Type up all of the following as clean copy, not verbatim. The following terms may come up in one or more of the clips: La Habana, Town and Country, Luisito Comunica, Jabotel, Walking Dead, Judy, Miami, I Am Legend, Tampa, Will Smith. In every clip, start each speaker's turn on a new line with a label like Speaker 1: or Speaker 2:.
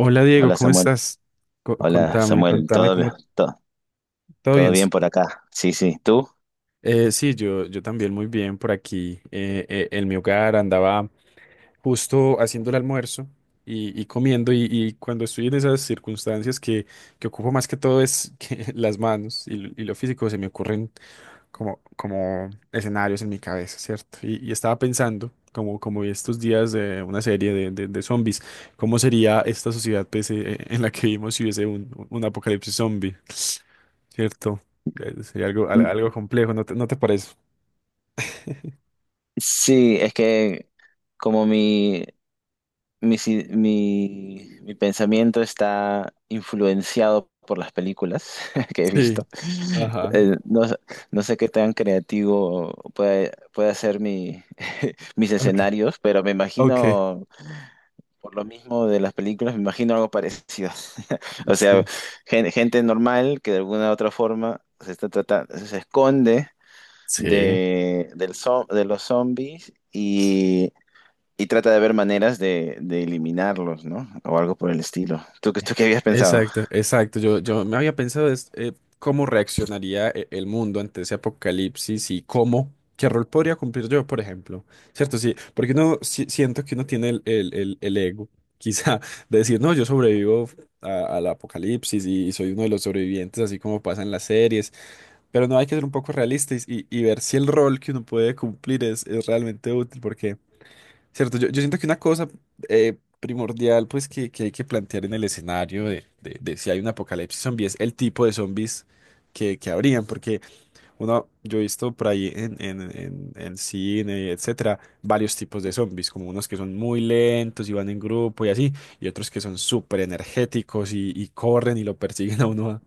Speaker 1: Hola Diego,
Speaker 2: Hola
Speaker 1: ¿cómo
Speaker 2: Samuel,
Speaker 1: estás? Co- contame, contame
Speaker 2: Todo
Speaker 1: cómo
Speaker 2: bien, todo,
Speaker 1: todo
Speaker 2: todo
Speaker 1: bien.
Speaker 2: bien por acá. Sí, sí, ¿tú?
Speaker 1: Sí, yo también muy bien por aquí. En mi hogar andaba justo haciendo el almuerzo y comiendo y cuando estoy en esas circunstancias que ocupo más que todo es que las manos y, lo físico se me ocurren como escenarios en mi cabeza, ¿cierto? Y estaba pensando, como, como vi estos días de una serie de zombies, ¿cómo sería esta sociedad pues, en la que vivimos si hubiese un apocalipsis zombie, ¿cierto? Sería algo,
Speaker 2: N-
Speaker 1: algo complejo, ¿no te parece?
Speaker 2: Sí, es que como mi, si- mi pensamiento está influenciado por las películas que he
Speaker 1: Sí.
Speaker 2: visto.
Speaker 1: Ajá.
Speaker 2: eh, no, s- no sé qué tan creativo puede ser mis
Speaker 1: Ok.
Speaker 2: escenarios, pero me
Speaker 1: Ok.
Speaker 2: imagino. Por lo mismo de las películas, me imagino algo parecido. O sea,
Speaker 1: Sí.
Speaker 2: gente normal que de alguna u otra forma se esconde
Speaker 1: Sí.
Speaker 2: de los zombies, y trata de ver maneras de eliminarlos, ¿no? O algo por el estilo. ¿Tú, tú qué habías pensado?
Speaker 1: Exacto, exacto. Yo me había pensado es, cómo reaccionaría el mundo ante ese apocalipsis y cómo, qué rol podría cumplir yo, por ejemplo. ¿Cierto? Sí, porque uno siento que uno tiene el, el ego, quizá, de decir, no, yo sobrevivo al apocalipsis y soy uno de los sobrevivientes, así como pasa en las series. Pero no hay que ser un poco realistas y ver si el rol que uno puede cumplir es realmente útil, porque cierto, yo siento que una cosa primordial pues que hay que plantear en el escenario de, de si hay un apocalipsis zombie es el tipo de zombies que habrían, porque uno, yo he visto por ahí en cine, etcétera, varios tipos de zombies, como unos que son muy lentos y van en grupo y así, y otros que son súper energéticos y corren y lo persiguen a uno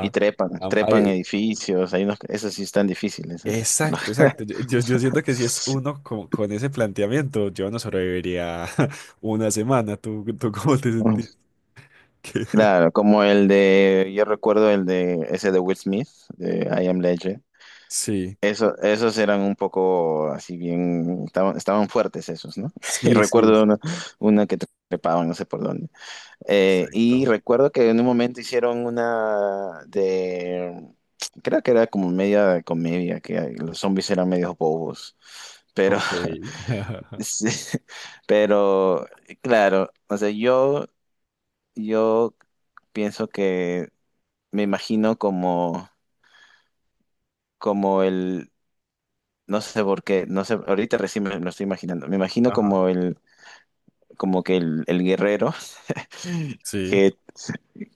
Speaker 2: Y
Speaker 1: a- a-
Speaker 2: trepan
Speaker 1: a-
Speaker 2: edificios, hay unos, esos sí están difíciles, ¿eh?
Speaker 1: exacto, exacto. Yo, yo siento que si es uno con ese planteamiento, yo no sobreviviría una semana. ¿Tú, tú cómo te
Speaker 2: Mm.
Speaker 1: sentís?
Speaker 2: Claro, como el de, yo recuerdo el de ese de Will Smith, de I Am Legend.
Speaker 1: Sí,
Speaker 2: Eso, esos eran un poco así bien, estaban fuertes esos, ¿no? Y
Speaker 1: sí, sí.
Speaker 2: recuerdo una que trepaban, no sé por dónde. Y
Speaker 1: Exacto.
Speaker 2: recuerdo que en un momento hicieron una de, creo que era como media comedia, que los zombies eran medios bobos, pero,
Speaker 1: Ok.
Speaker 2: sí, pero claro, o sea, yo pienso que me imagino como, como el... No sé por qué, no sé, ahorita recién me lo estoy imaginando. Me imagino
Speaker 1: Ajá.
Speaker 2: como el, como que el guerrero
Speaker 1: Sí.
Speaker 2: que,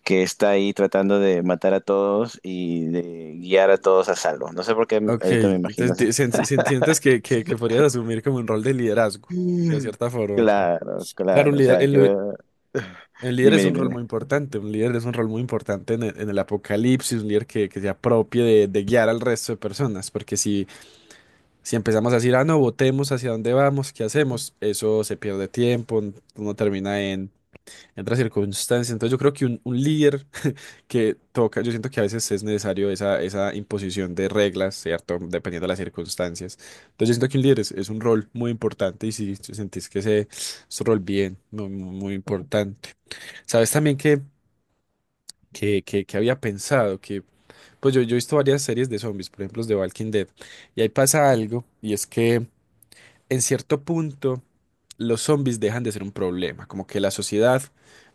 Speaker 2: que está ahí tratando de matar a todos y de guiar a todos a salvo. No sé por qué
Speaker 1: Ok.
Speaker 2: ahorita me imagino
Speaker 1: Entonces,
Speaker 2: así.
Speaker 1: sientes que podrías asumir como un rol de liderazgo, de
Speaker 2: Mm.
Speaker 1: cierta forma. Ok.
Speaker 2: Claro,
Speaker 1: Claro, un
Speaker 2: claro. O
Speaker 1: líder,
Speaker 2: sea,
Speaker 1: el,
Speaker 2: yo.
Speaker 1: el líder
Speaker 2: Dime,
Speaker 1: es un rol
Speaker 2: dime,
Speaker 1: muy importante. Un líder es un rol muy importante en el apocalipsis, un líder que se apropie de guiar al resto de personas. Porque si si empezamos a decir, ah, no, votemos hacia dónde vamos, qué hacemos, eso se pierde tiempo, uno termina en otras circunstancias. Entonces yo creo que un líder que toca, yo siento que a veces es necesario esa, esa imposición de reglas, ¿cierto? Dependiendo de las circunstancias. Entonces yo siento que un líder es un rol muy importante y si si sentís que ese es un rol bien, muy, muy muy importante. Sabes también que, que había pensado que, pues yo he visto varias series de zombies, por ejemplo, los de Walking Dead, y ahí pasa algo, y es que en cierto punto, los zombies dejan de ser un problema, como que la sociedad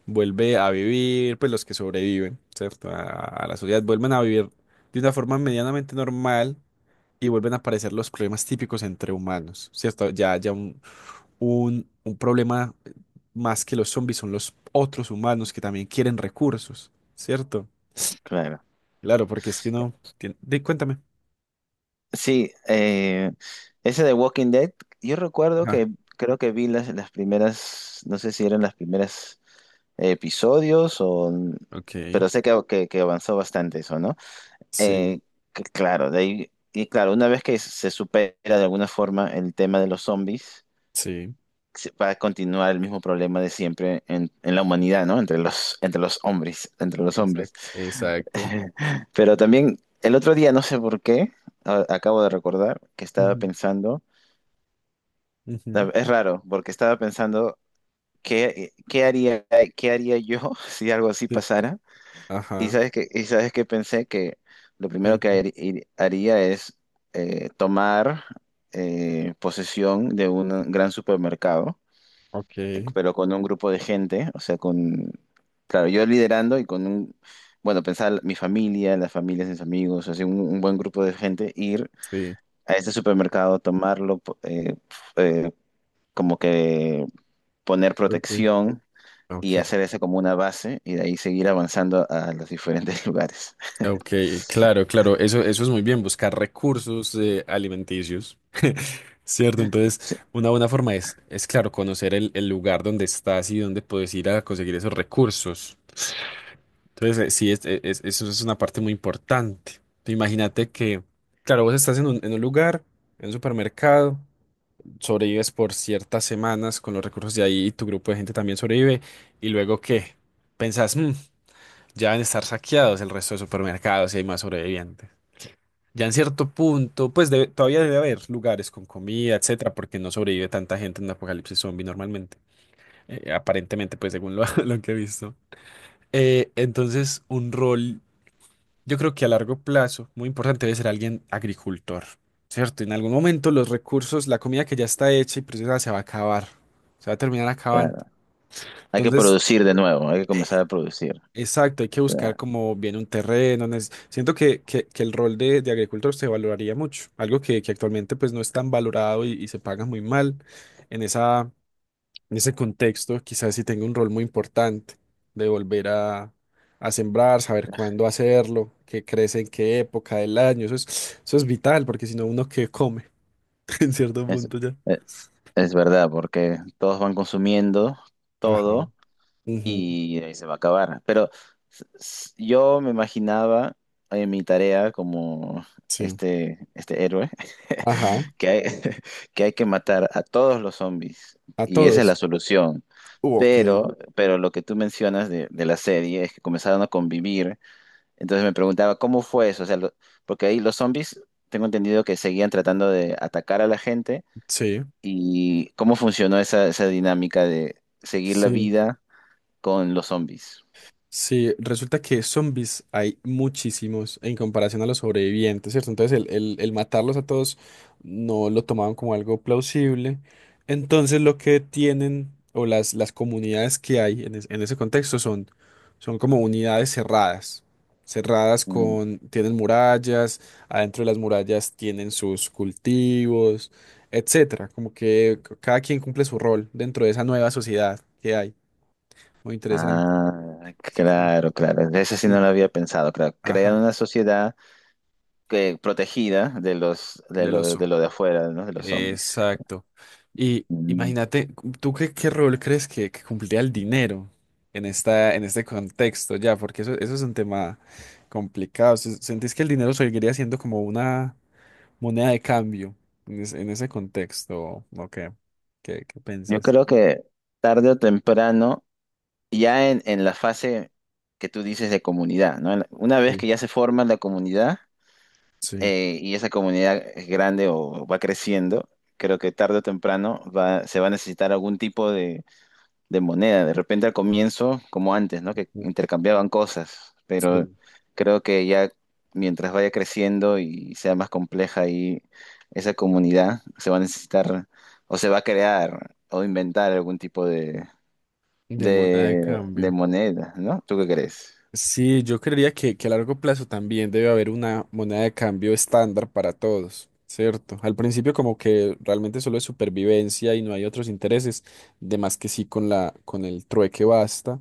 Speaker 1: vuelve a vivir, pues los que sobreviven, ¿cierto? A la sociedad vuelven a vivir de una forma medianamente normal y vuelven a aparecer los problemas típicos entre humanos, ¿cierto? Ya, ya un, un problema más que los zombies son los otros humanos que también quieren recursos, ¿cierto?
Speaker 2: claro.
Speaker 1: Claro, porque es que uno tiene. Di, cuéntame.
Speaker 2: Sí, ese de Walking Dead, yo recuerdo
Speaker 1: Ah,
Speaker 2: que creo que vi las primeras, no sé si eran las primeras episodios, o...
Speaker 1: ok.
Speaker 2: pero sé que, que avanzó bastante eso, ¿no?
Speaker 1: Sí,
Speaker 2: Eh, que claro, de ahí, y claro, una vez que se supera de alguna forma el tema de los zombies,
Speaker 1: sí.
Speaker 2: va a continuar el mismo problema de siempre en la humanidad, ¿no? Entre los hombres, entre los
Speaker 1: Exacto.
Speaker 2: hombres.
Speaker 1: Exacto.
Speaker 2: Pero también el otro día, no sé por qué, acabo de recordar que estaba
Speaker 1: Ujú,
Speaker 2: pensando,
Speaker 1: ujú.
Speaker 2: es raro, porque estaba pensando qué, qué haría, qué haría yo si algo así pasara.
Speaker 1: Ajá,
Speaker 2: Y sabes que pensé que lo primero que
Speaker 1: cuéntame.
Speaker 2: haría es tomar posesión de un gran supermercado,
Speaker 1: Ok,
Speaker 2: pero con un grupo de gente, o sea, con, claro, yo liderando y con un, bueno, pensar mi familia, las familias de mis amigos, así un buen grupo de gente, ir
Speaker 1: sí.
Speaker 2: a ese supermercado, tomarlo, f- eh, como que poner
Speaker 1: Ok,
Speaker 2: protección, y
Speaker 1: ok,
Speaker 2: hacer eso como una base y de ahí seguir avanzando a los diferentes lugares.
Speaker 1: ok, claro, claro, eso es muy bien, buscar recursos alimenticios, ¿cierto? Entonces,
Speaker 2: Sí.
Speaker 1: una buena forma es claro, conocer el lugar donde estás y dónde puedes ir a conseguir esos recursos. Entonces, sí, eso es una parte muy importante. Imagínate que, claro, vos estás en un lugar, en un supermercado. Sobrevives por ciertas semanas con los recursos de ahí y tu grupo de gente también sobrevive. Y luego que pensás, "Mm, ya van a estar saqueados el resto de supermercados y hay más sobrevivientes. Ya en cierto punto, pues todavía debe haber lugares con comida, etcétera, porque no sobrevive tanta gente en un apocalipsis zombie normalmente. Aparentemente, pues según lo, lo que he visto. Entonces, un rol yo creo que a largo plazo, muy importante debe ser alguien agricultor, ¿cierto? En algún momento los recursos, la comida que ya está hecha y procesada se va a acabar, se va a terminar acabando.
Speaker 2: Hay que
Speaker 1: Entonces,
Speaker 2: producir de nuevo, hay que comenzar a producir.
Speaker 1: exacto, hay que buscar
Speaker 2: Claro.
Speaker 1: como bien un terreno. Siento que, que el rol de agricultor se valoraría mucho, algo que actualmente pues no es tan valorado y se paga muy mal en esa, en ese contexto, quizás sí tenga un rol muy importante de volver a sembrar, saber cuándo hacerlo, qué crece en qué época del año. Eso es vital, porque si no, uno que come en cierto
Speaker 2: Es,
Speaker 1: punto ya.
Speaker 2: e- es verdad, porque todos van consumiendo
Speaker 1: Ajá.
Speaker 2: todo
Speaker 1: Ujú,
Speaker 2: y ahí se va a acabar. Pero yo me imaginaba en mi tarea como
Speaker 1: sí.
Speaker 2: este héroe
Speaker 1: Ajá.
Speaker 2: que hay, que hay que matar a todos los zombies
Speaker 1: A
Speaker 2: y esa es la
Speaker 1: todos.
Speaker 2: solución.
Speaker 1: Ok.
Speaker 2: Pero lo que tú mencionas de la serie es que comenzaron a convivir. Entonces me preguntaba, ¿cómo fue eso? O sea, porque ahí los zombies, tengo entendido que seguían tratando de atacar a la gente,
Speaker 1: Sí.
Speaker 2: y cómo funcionó esa, esa dinámica de seguir la
Speaker 1: Sí.
Speaker 2: vida con los zombies.
Speaker 1: Sí, resulta que zombies hay muchísimos en comparación a los sobrevivientes, ¿cierto? Entonces el, el matarlos a todos no lo tomaban como algo plausible. Entonces lo que tienen o las comunidades que hay en, en ese contexto son, son como unidades cerradas, cerradas
Speaker 2: Mm.
Speaker 1: con, tienen murallas, adentro de las murallas tienen sus cultivos, etcétera. Como que cada quien cumple su rol dentro de esa nueva sociedad que hay. Muy interesante.
Speaker 2: Ah,
Speaker 1: Sí.
Speaker 2: claro, claro. Eso sí no lo
Speaker 1: Sí.
Speaker 2: había pensado, claro. Crear
Speaker 1: Ajá,
Speaker 2: una sociedad que, protegida de los, de
Speaker 1: del
Speaker 2: lo, de
Speaker 1: oso.
Speaker 2: lo de afuera, ¿no? De los zombies.
Speaker 1: Exacto. Y
Speaker 2: Mm.
Speaker 1: imagínate, ¿tú qué, qué rol crees que cumpliría el dinero en esta, en este contexto ya? Porque eso es un tema complicado. ¿Sentís que el dinero seguiría siendo como una moneda de cambio en, en ese contexto? ¿O qué? ¿Qué, qué
Speaker 2: Yo
Speaker 1: piensas?
Speaker 2: creo que tarde o temprano, ya en la fase que tú dices de comunidad, ¿no? Una vez
Speaker 1: Sí.
Speaker 2: que ya se forma la comunidad,
Speaker 1: Sí.
Speaker 2: y esa comunidad es grande o va creciendo, creo que tarde o temprano se va a necesitar algún tipo de moneda. De repente al comienzo, como antes, ¿no? Que intercambiaban cosas, pero
Speaker 1: Sí.
Speaker 2: creo que ya mientras vaya creciendo y sea más compleja ahí esa comunidad, se va a necesitar o se va a crear o inventar algún tipo
Speaker 1: De moneda de
Speaker 2: de
Speaker 1: cambio.
Speaker 2: moneda, ¿no? ¿Tú qué crees?
Speaker 1: Sí, yo creería que a largo plazo también debe haber una moneda de cambio estándar para todos, ¿cierto? Al principio como que realmente solo es supervivencia y no hay otros intereses, de más que sí con la, con el trueque basta,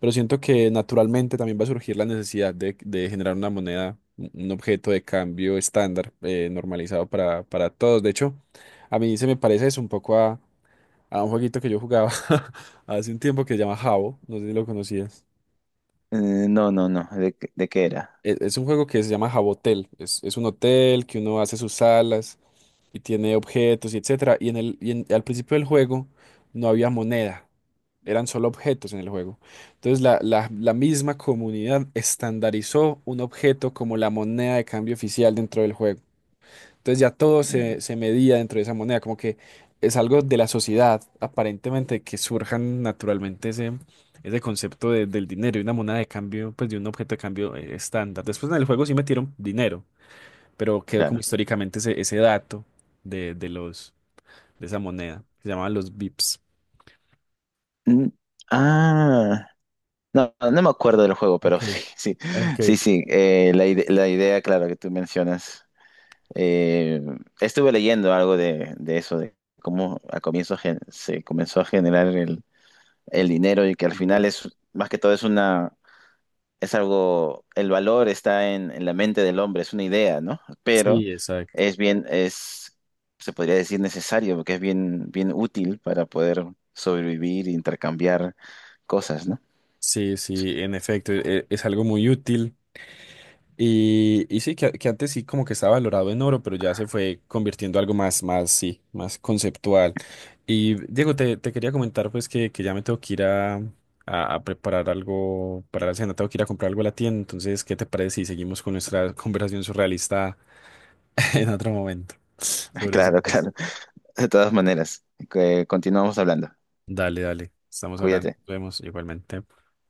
Speaker 1: pero siento que naturalmente también va a surgir la necesidad de generar una moneda, un objeto de cambio estándar normalizado para todos. De hecho, a mí se me parece eso un poco a un jueguito que yo jugaba hace un tiempo que se llama Jabo, no sé si lo conocías.
Speaker 2: Eh, no, no, no. De qué era?
Speaker 1: Es un juego que se llama Jabotel. Es un hotel que uno hace sus salas y tiene objetos y etcétera. Y en el, al principio del juego no había moneda, eran solo objetos en el juego. Entonces la misma comunidad estandarizó un objeto como la moneda de cambio oficial dentro del juego. Entonces ya todo se,
Speaker 2: Mm.
Speaker 1: se medía dentro de esa moneda, como que es algo de la sociedad, aparentemente, que surjan naturalmente ese, ese concepto del dinero y una moneda de cambio, pues de un objeto de cambio estándar. Después en el juego sí metieron dinero, pero quedó como
Speaker 2: Claro.
Speaker 1: históricamente ese, ese dato de los, de esa moneda, que se llamaban los bips.
Speaker 2: Mm. Ah, no, no no me acuerdo del juego, pero
Speaker 1: Ok,
Speaker 2: sí, sí,
Speaker 1: ok.
Speaker 2: sí, sí. La idea, claro, que tú mencionas. Eh, Estuve leyendo algo de eso, de cómo a comienzo se comenzó a generar el
Speaker 1: El
Speaker 2: dinero, y que al final
Speaker 1: dinero.
Speaker 2: más que todo, es algo, el valor está en la mente del hombre, es una idea, ¿no? Pero
Speaker 1: Sí, exacto.
Speaker 2: es bien, es, se podría decir necesario, porque es bien, bien útil para poder sobrevivir, intercambiar cosas, ¿no?
Speaker 1: Sí, sí, en efecto, es algo muy útil. Y sí, que antes sí como que estaba valorado en oro, pero ya se fue convirtiendo algo más, más, sí, más conceptual. Y Diego, te quería comentar pues que ya me tengo que ir a preparar algo para la cena, tengo que ir a comprar algo a la tienda, entonces, ¿qué te parece si seguimos con nuestra conversación surrealista en otro momento sobre eso?
Speaker 2: Claro, claro. De todas maneras, que continuamos hablando.
Speaker 1: Dale, dale, estamos hablando,
Speaker 2: Cuídate.
Speaker 1: nos vemos igualmente.